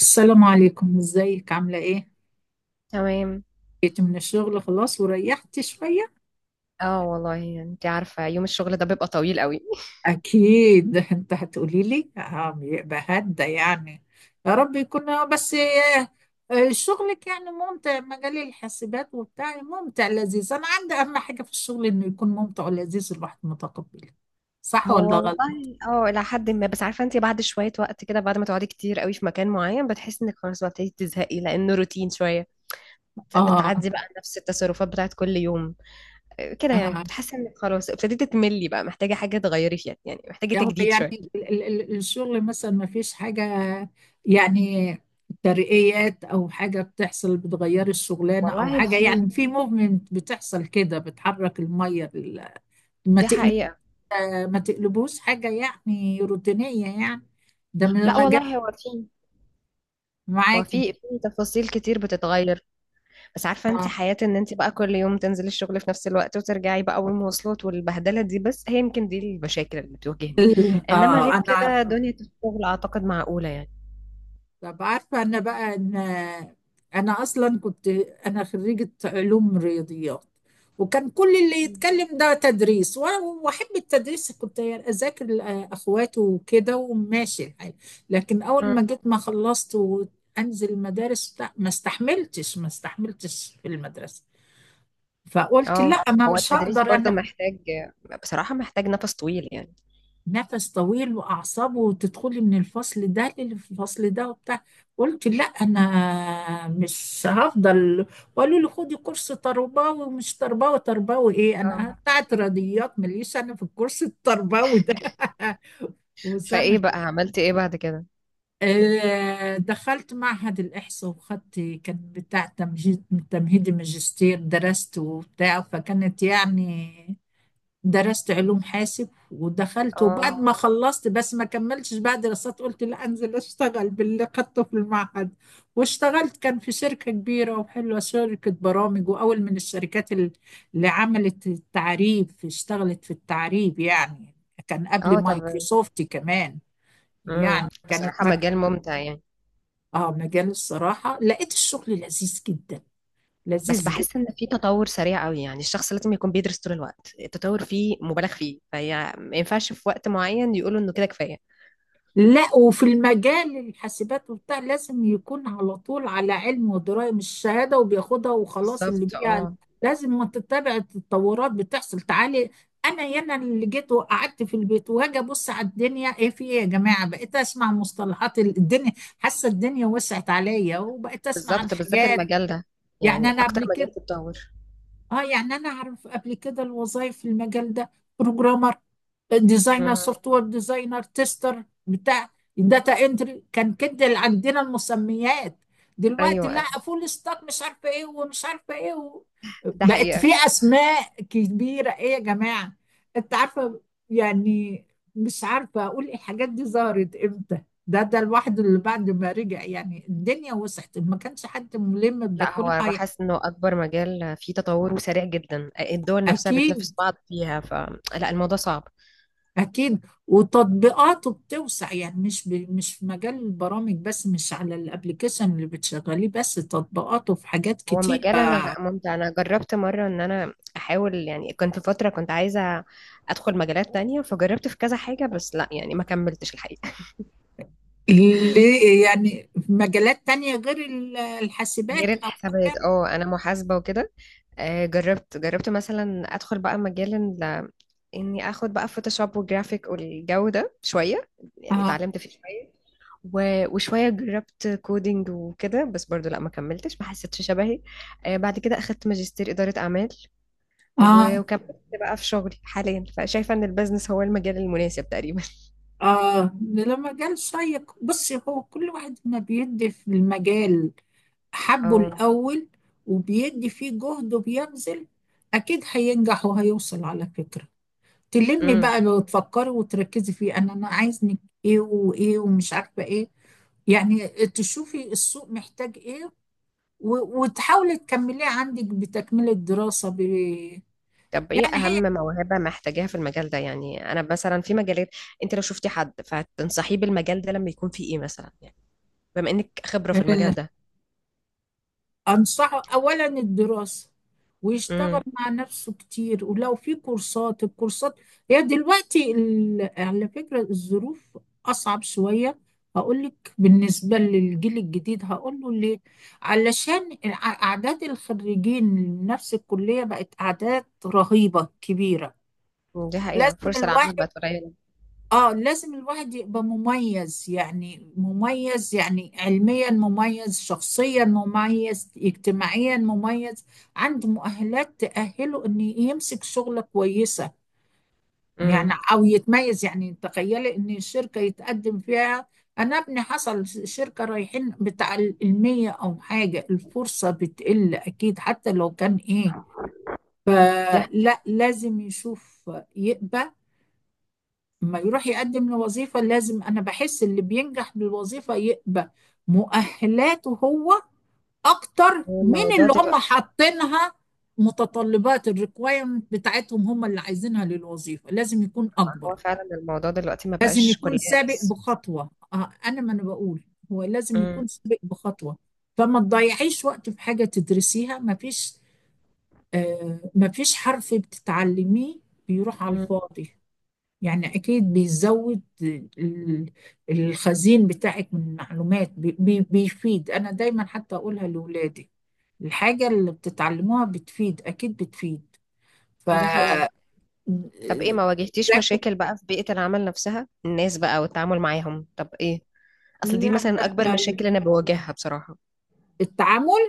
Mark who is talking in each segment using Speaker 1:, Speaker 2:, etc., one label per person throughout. Speaker 1: السلام عليكم، ازيك؟ عاملة ايه؟
Speaker 2: تمام.
Speaker 1: جيت من الشغل خلاص وريحت شوية؟
Speaker 2: اه، والله انت عارفة، يوم الشغل ده بيبقى طويل قوي.
Speaker 1: أكيد. انت هتقولي لي بيبقى هدى يعني. يا رب يكون آه، بس آه، آه، شغلك يعني ممتع، مجال الحاسبات وبتاع، ممتع لذيذ. أنا عندي أهم حاجة في الشغل إنه يكون ممتع ولذيذ، الواحد متقبله. صح
Speaker 2: هو
Speaker 1: ولا غلط؟
Speaker 2: والله الى حد ما، بس عارفة انت، بعد شوية وقت كده، بعد ما تقعدي كتير قوي في مكان معين بتحسي انك خلاص بتبتدي تزهقي لانه روتين شوية.
Speaker 1: آه.
Speaker 2: بتعدي بقى نفس التصرفات بتاعت كل يوم. كده يعني
Speaker 1: آه.
Speaker 2: بتحسي انك خلاص ابتديتي تملي، بقى محتاجة حاجة تغيري فيها، يعني محتاجة
Speaker 1: هو
Speaker 2: تجديد
Speaker 1: يعني
Speaker 2: شوية.
Speaker 1: الشغل مثلا ما فيش حاجة، يعني ترقيات أو حاجة بتحصل، بتغير الشغلانة أو
Speaker 2: والله
Speaker 1: حاجة،
Speaker 2: في.
Speaker 1: يعني في موفمنت بتحصل كده، بتحرك المية ما
Speaker 2: دي
Speaker 1: تقل-
Speaker 2: حقيقة.
Speaker 1: ما تقلبوش حاجة يعني روتينية يعني، ده من
Speaker 2: لا
Speaker 1: المجال
Speaker 2: والله هو في. هو
Speaker 1: معاكي.
Speaker 2: في تفاصيل كتير بتتغير. بس عارفة انت، حياة ان انت بقى كل يوم تنزلي الشغل في نفس الوقت وترجعي بقى، والمواصلات والبهدلة دي، بس هي يمكن دي المشاكل اللي بتواجهني. انما
Speaker 1: اه
Speaker 2: غير
Speaker 1: أنا
Speaker 2: كده
Speaker 1: عارفة.
Speaker 2: دنيا الشغل اعتقد معقولة يعني.
Speaker 1: طب عارفة أنا بقى إن، أنا أصلا كنت أنا خريجة علوم رياضيات. وكان كل اللي
Speaker 2: مم.
Speaker 1: يتكلم ده تدريس وأحب التدريس، كنت أذاكر أخواته وكده وماشي الحال. لكن أول ما
Speaker 2: مم.
Speaker 1: جيت ما خلصت وأنزل المدارس ما استحملتش في المدرسة. فقلت
Speaker 2: اه،
Speaker 1: لا، ما
Speaker 2: هو
Speaker 1: مش
Speaker 2: التدريس
Speaker 1: هقدر
Speaker 2: برضه
Speaker 1: أنا.
Speaker 2: محتاج. بصراحة محتاج نفس طويل يعني.
Speaker 1: نفس طويل واعصابه، وتدخلي من الفصل ده للفصل ده وبتاع. قلت لا، انا مش هفضل. وقالوا لي خدي كورس تربوي، ومش تربوي، تربوي ايه؟
Speaker 2: اه،
Speaker 1: انا بتاعت رياضيات، ماليش انا في الكورس التربوي ده. وسنه.
Speaker 2: فايه بقى عملتي ايه بعد كده؟
Speaker 1: دخلت معهد الإحصاء وخدت، كان بتاع تمهيدي ماجستير، درست وبتاع، فكانت يعني درست علوم حاسب. ودخلت وبعد
Speaker 2: اه.
Speaker 1: ما خلصت بس ما كملتش بقى دراسات، قلت لا انزل اشتغل باللي خدته في المعهد. واشتغلت كان في شركة كبيرة وحلوة، شركة برامج، واول من الشركات اللي عملت التعريب، اشتغلت في التعريب يعني. كان قبل
Speaker 2: اه، طب.
Speaker 1: مايكروسوفت كمان،
Speaker 2: امم.
Speaker 1: يعني كانت
Speaker 2: بصراحة
Speaker 1: مك...
Speaker 2: مجال ممتع يعني.
Speaker 1: اه، مجال الصراحة لقيت الشغل لذيذ جدا،
Speaker 2: بس
Speaker 1: لذيذ
Speaker 2: بحس
Speaker 1: جدا.
Speaker 2: ان في تطور سريع قوي، يعني الشخص لازم يكون بيدرس طول الوقت، التطور فيه مبالغ فيه، فهي ما ينفعش في وقت معين يقولوا انه كده كفاية.
Speaker 1: لا، وفي المجال الحاسبات وبتاع لازم يكون على طول على علم ودراية، مش شهادة وبياخدها وخلاص اللي
Speaker 2: بالظبط
Speaker 1: بيها،
Speaker 2: اه.
Speaker 1: لازم ما تتبع التطورات بتحصل تعالي. انا يانا اللي جيت وقعدت في البيت وهاجي ابص على الدنيا ايه في ايه يا جماعة، بقيت اسمع مصطلحات الدنيا، حاسة الدنيا وسعت عليا وبقيت اسمع عن
Speaker 2: بالظبط بالذات
Speaker 1: حاجات.
Speaker 2: المجال ده.
Speaker 1: يعني
Speaker 2: يعني
Speaker 1: انا
Speaker 2: اكتر
Speaker 1: قبل كده،
Speaker 2: مجال تتطور.
Speaker 1: اه يعني انا اعرف قبل كده الوظائف في المجال ده: بروجرامر، ديزاينر،
Speaker 2: مم.
Speaker 1: سوفت وير ديزاينر، تيستر بتاع، داتا انتري، كان كده اللي عندنا المسميات. دلوقتي
Speaker 2: ايوه
Speaker 1: لا،
Speaker 2: ايوه.
Speaker 1: فول ستاك، مش عارفه ايه ومش عارفه ايه و...
Speaker 2: ده
Speaker 1: بقت في
Speaker 2: حقيقة.
Speaker 1: اسماء كبيره، ايه يا جماعه؟ انت عارفه يعني، مش عارفه اقول إيه الحاجات دي ظهرت امتى. ده الواحد اللي بعد ما رجع، يعني الدنيا وسعت، ما كانش حد ملم بده
Speaker 2: لا، هو
Speaker 1: كله
Speaker 2: أنا بحس انه اكبر مجال فيه تطور وسريع جدا، الدول نفسها بتنافس
Speaker 1: أكيد.
Speaker 2: بعض فيها، فلا الموضوع صعب.
Speaker 1: أكيد، وتطبيقاته بتوسع، يعني مش ب... مش في مجال البرامج بس، مش على الابليكيشن اللي بتشغليه بس، تطبيقاته في حاجات
Speaker 2: هو
Speaker 1: كتير.
Speaker 2: مجال انا ممتع، انا جربت مرة ان انا احاول يعني، كنت فترة كنت عايزة ادخل مجالات تانية، فجربت في كذا حاجة، بس لا يعني ما كملتش الحقيقة.
Speaker 1: اللي يعني في مجالات تانية غير
Speaker 2: غير
Speaker 1: الحاسبات أو...
Speaker 2: الحسابات، اه انا محاسبة وكده. جربت مثلا ادخل بقى مجال، اني اخد بقى فوتوشوب وجرافيك والجو ده شويه، يعني
Speaker 1: آه.
Speaker 2: اتعلمت فيه شويه. وشويه جربت كودينج وكده، بس برضو لا ما كملتش ما حسيتش شبهي. بعد كده اخدت ماجستير اداره اعمال.
Speaker 1: آه.
Speaker 2: وكملت بقى في شغلي حاليا، فشايفه ان البيزنس هو المجال المناسب تقريبا
Speaker 1: آه، ده مجال شيق. بصي، هو كل واحد ما بيدي في المجال حبه
Speaker 2: اه.
Speaker 1: الأول وبيدي فيه جهد وبيبذل، أكيد هينجح وهيوصل على فكرة. تلمي
Speaker 2: امم.
Speaker 1: بقى لو تفكري وتركزي فيه، انا عايز منك ايه وايه ومش عارفه ايه، يعني تشوفي السوق محتاج ايه وتحاولي تكمليه عندك، بتكمله دراسه ب...
Speaker 2: طب ايه
Speaker 1: يعني
Speaker 2: اهم موهبه محتاجاها في المجال ده؟ يعني انا مثلا في مجالات، انت لو شفتي حد فتنصحيه بالمجال ده لما يكون فيه ايه مثلا؟ يعني بما انك خبره في المجال
Speaker 1: هي
Speaker 2: ده.
Speaker 1: أنصحه أولا الدراسة، ويشتغل
Speaker 2: امم.
Speaker 1: مع نفسه كتير، ولو في كورسات، الكورسات. هي دلوقتي على فكرة الظروف أصعب شوية، هقول لك. بالنسبة للجيل الجديد هقول له ليه: علشان أعداد الخريجين من نفس الكلية بقت أعداد رهيبة كبيرة.
Speaker 2: دي حقيقه،
Speaker 1: لازم
Speaker 2: فرصه العمل
Speaker 1: الواحد،
Speaker 2: بقت قليله.
Speaker 1: اه لازم الواحد يبقى مميز، يعني مميز يعني، علميا مميز، شخصيا مميز، اجتماعيا مميز، عنده مؤهلات تأهله ان يمسك شغلة كويسة، يعني
Speaker 2: امم.
Speaker 1: او يتميز. يعني تخيلي ان الشركة يتقدم فيها، انا ابني حصل شركة رايحين بتاع المية او حاجة، الفرصة بتقل اكيد حتى لو كان ايه.
Speaker 2: دي حقيقة.
Speaker 1: فلا، لازم يشوف يقبل، ما يروح يقدم لوظيفة لازم، أنا بحس اللي بينجح بالوظيفة يبقى مؤهلاته هو أكتر
Speaker 2: هو
Speaker 1: من
Speaker 2: الموضوع
Speaker 1: اللي هم
Speaker 2: دلوقتي.
Speaker 1: حاطينها، متطلبات الريكوايرمنت بتاعتهم هم اللي عايزينها للوظيفة، لازم يكون أكبر.
Speaker 2: هو فعلا الموضوع دلوقتي ما
Speaker 1: لازم
Speaker 2: بقاش
Speaker 1: يكون
Speaker 2: كلية
Speaker 1: سابق
Speaker 2: بس.
Speaker 1: بخطوة، أنا ما أنا بقول هو لازم
Speaker 2: امم.
Speaker 1: يكون سابق بخطوة. فما تضيعيش وقت في حاجة تدرسيها ما فيش، آه ما فيش حرف بتتعلميه بيروح على
Speaker 2: امم.
Speaker 1: الفاضي، يعني أكيد بيزود الخزين بتاعك من معلومات، بيفيد. أنا دايما حتى أقولها لأولادي: الحاجة اللي بتتعلموها بتفيد، أكيد بتفيد. ف...
Speaker 2: دي حقيقة. طب ايه؟ ما واجهتيش
Speaker 1: ذاك-
Speaker 2: مشاكل بقى في بيئة العمل نفسها، الناس بقى والتعامل معاهم؟ طب ايه؟ اصل
Speaker 1: لا
Speaker 2: دي مثلا
Speaker 1: لا،
Speaker 2: اكبر مشاكل انا بواجهها بصراحة.
Speaker 1: التعامل،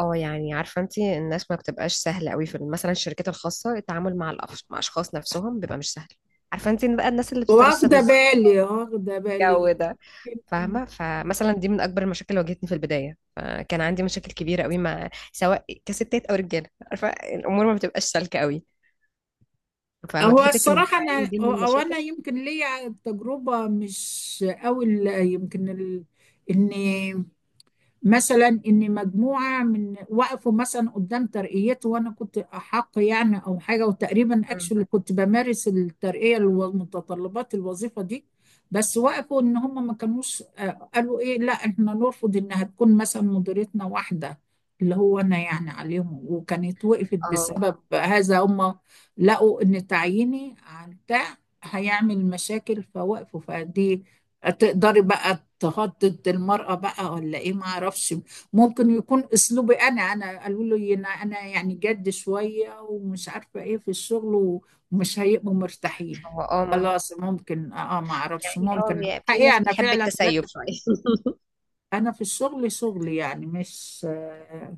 Speaker 2: اه، يعني عارفة انت، الناس ما بتبقاش سهلة قوي، في مثلا الشركات الخاصة التعامل مع مع اشخاص نفسهم بيبقى مش سهل. عارفة انت بقى، الناس اللي بتترصد
Speaker 1: واخدة
Speaker 2: لبعض،
Speaker 1: بالي واخدة بالي،
Speaker 2: الجو ده،
Speaker 1: يمكن-
Speaker 2: فاهمة. فمثلا دي من أكبر المشاكل اللي واجهتني في البداية، فكان عندي مشاكل كبيرة قوي مع، سواء كستات أو رجالة، عارفة الأمور ما بتبقاش سالكة قوي.
Speaker 1: هو
Speaker 2: فواجهتك
Speaker 1: الصراحة
Speaker 2: النوعية
Speaker 1: أنا
Speaker 2: دي من
Speaker 1: أو أو أنا
Speaker 2: المشاكل؟
Speaker 1: يمكن ليا تجربة مش أوي يمكن ال... إني مثلا ان مجموعه من وقفوا مثلا قدام ترقيته وانا كنت احق، يعني او حاجه، وتقريبا
Speaker 2: مم.
Speaker 1: اكشلي كنت بمارس الترقيه والمتطلبات الوظيفه دي، بس وقفوا ان هم ما كانوش قالوا ايه لا، احنا نرفض انها تكون مثلا مديرتنا، واحده اللي هو انا يعني عليهم، وكانت وقفت
Speaker 2: اه.
Speaker 1: بسبب هذا هم. لقوا ان تعييني على بتاع هيعمل مشاكل فوقفوا، فدي. تقدري بقى تهدد المرأة بقى ولا ايه، ما اعرفش. ممكن يكون اسلوبي، انا قالوا لي انا يعني جد شوية، ومش عارفة ايه في الشغل، ومش هيبقوا مرتاحين.
Speaker 2: هو ممكن.
Speaker 1: خلاص، ممكن اه، ما اعرفش،
Speaker 2: يعني
Speaker 1: ممكن
Speaker 2: في
Speaker 1: حقيقة
Speaker 2: ناس
Speaker 1: انا
Speaker 2: بتحب
Speaker 1: فعلا جد.
Speaker 2: التسيب شوية.
Speaker 1: انا في الشغل شغل يعني مش،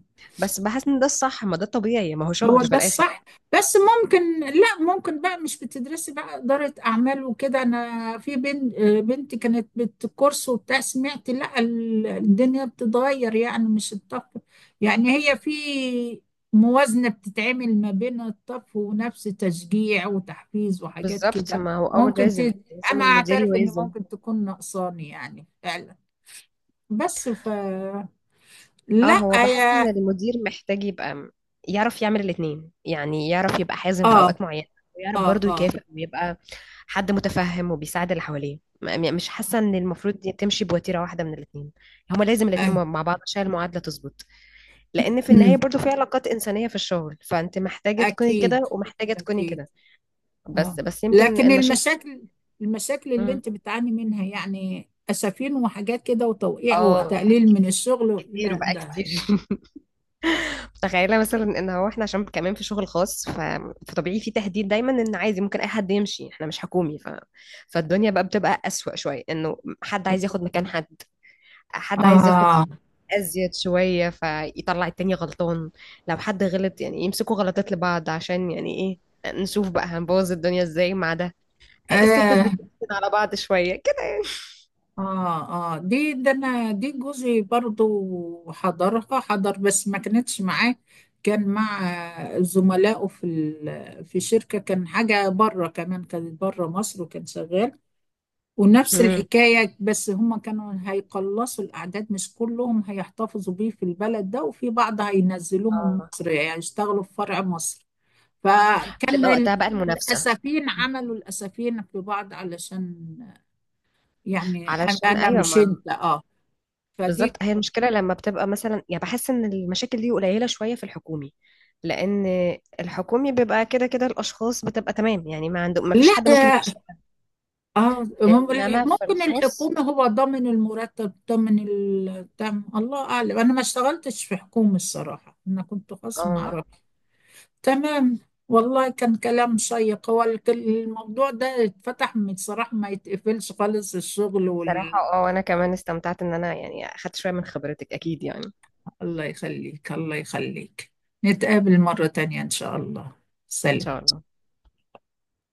Speaker 2: بس بحس ان ده الصح، ما ده طبيعي، ما هو
Speaker 1: هو
Speaker 2: شغل في
Speaker 1: ده
Speaker 2: الآخر.
Speaker 1: الصح. بس ممكن لا، ممكن بقى مش بتدرسي بقى إدارة أعمال وكده، أنا في بنت، بنتي كانت بالكورس وبتاع سمعت لا، الدنيا بتتغير يعني مش الطف، يعني هي في موازنة بتتعمل ما بين الطف ونفس تشجيع وتحفيز وحاجات
Speaker 2: بالظبط،
Speaker 1: كده.
Speaker 2: ما هو
Speaker 1: ممكن ت...
Speaker 2: لازم
Speaker 1: أنا
Speaker 2: المدير
Speaker 1: أعترف إن
Speaker 2: يوازن.
Speaker 1: ممكن تكون نقصاني يعني فعلا، بس ف
Speaker 2: اه،
Speaker 1: لا
Speaker 2: هو بحس ان
Speaker 1: يا...
Speaker 2: المدير محتاج يبقى يعرف يعمل الاتنين، يعني يعرف يبقى حازم في
Speaker 1: آه.
Speaker 2: اوقات معينة، ويعرف
Speaker 1: آه.
Speaker 2: برضه
Speaker 1: آه.
Speaker 2: يكافئ ويبقى حد متفهم وبيساعد اللي حواليه. مش حاسة ان المفروض دي تمشي بوتيرة واحدة من الاتنين، هما لازم الاتنين
Speaker 1: آه.
Speaker 2: مع بعض عشان المعادلة تظبط. لان في النهاية
Speaker 1: أمم.
Speaker 2: برضه في علاقات انسانية في الشغل، فانت محتاجة تكوني
Speaker 1: أكيد.
Speaker 2: كده ومحتاجة تكوني
Speaker 1: أكيد.
Speaker 2: كده.
Speaker 1: اه،
Speaker 2: بس يمكن
Speaker 1: لكن
Speaker 2: المشاكل.
Speaker 1: المشاكل، المشاكل اللي
Speaker 2: مم.
Speaker 1: أنت بتعاني منها يعني أسفين وحاجات كده وتوقيع
Speaker 2: اه.
Speaker 1: وتقليل من الشغل،
Speaker 2: كتير
Speaker 1: لا
Speaker 2: بقى
Speaker 1: ده.
Speaker 2: كتير تخيلي مثلا ان هو احنا عشان كمان في شغل خاص، فطبيعي في تهديد دايما ان عادي ممكن اي حد يمشي، احنا مش حكومي، فالدنيا بقى بتبقى اسوأ شويه، انه حد عايز ياخد مكان حد. حد عايز ياخد
Speaker 1: آه.
Speaker 2: ازيد شويه، فيطلع التاني غلطان. لو حد غلط يعني، يمسكوا غلطات لبعض عشان يعني ايه، نشوف بقى هنبوظ الدنيا ازاي مع ده. الستات
Speaker 1: آه.
Speaker 2: بتقفل على بعض شويه كده.
Speaker 1: آه. آه. دي ده، أنا دي جوزي برضو حضرها، حضر بس ما كانتش معاه، كان مع زملائه في في شركة، كان حاجة بره كمان، كانت بره مصر وكان شغال. ونفس
Speaker 2: امم.
Speaker 1: الحكاية، بس هما كانوا هيقلصوا الأعداد، مش كلهم هيحتفظوا بيه في البلد ده، وفي بعض هينزلوهم
Speaker 2: اه،
Speaker 1: مصر يعني يشتغلوا في فرع مصر. فكان
Speaker 2: بتبقى وقتها بقى المنافسه.
Speaker 1: الأسفين، عملوا الأسفين في بعض علشان، يعني أنا
Speaker 2: علشان،
Speaker 1: أنا
Speaker 2: ايوه.
Speaker 1: مش أنت أه، فدي.
Speaker 2: بالظبط، هي المشكلة لما بتبقى مثلا، يعني بحس ان المشاكل دي قليلة شوية في الحكومي، لان الحكومي بيبقى كده كده، الاشخاص بتبقى تمام يعني، ما فيش حد ممكن
Speaker 1: لا،
Speaker 2: يمشيها.
Speaker 1: اه
Speaker 2: انما في
Speaker 1: ممكن
Speaker 2: الخاص.
Speaker 1: الحكومة هو ضامن المرتب ضامن التم، الله أعلم، أنا ما اشتغلتش في حكومة الصراحة، أنا كنت خاص، ما
Speaker 2: اه.
Speaker 1: أعرف. تمام. والله كان كلام شيق، هو الموضوع ده اتفتح من صراحة ما يتقفلش خالص، الشغل
Speaker 2: بصراحة،
Speaker 1: وال...
Speaker 2: انا كمان استمتعت ان انا يعني اخدت شوية من خبرتك، اكيد يعني.
Speaker 1: الله يخليك، الله يخليك. نتقابل مرة تانية إن شاء الله.
Speaker 2: ان
Speaker 1: سلام.
Speaker 2: شاء الله.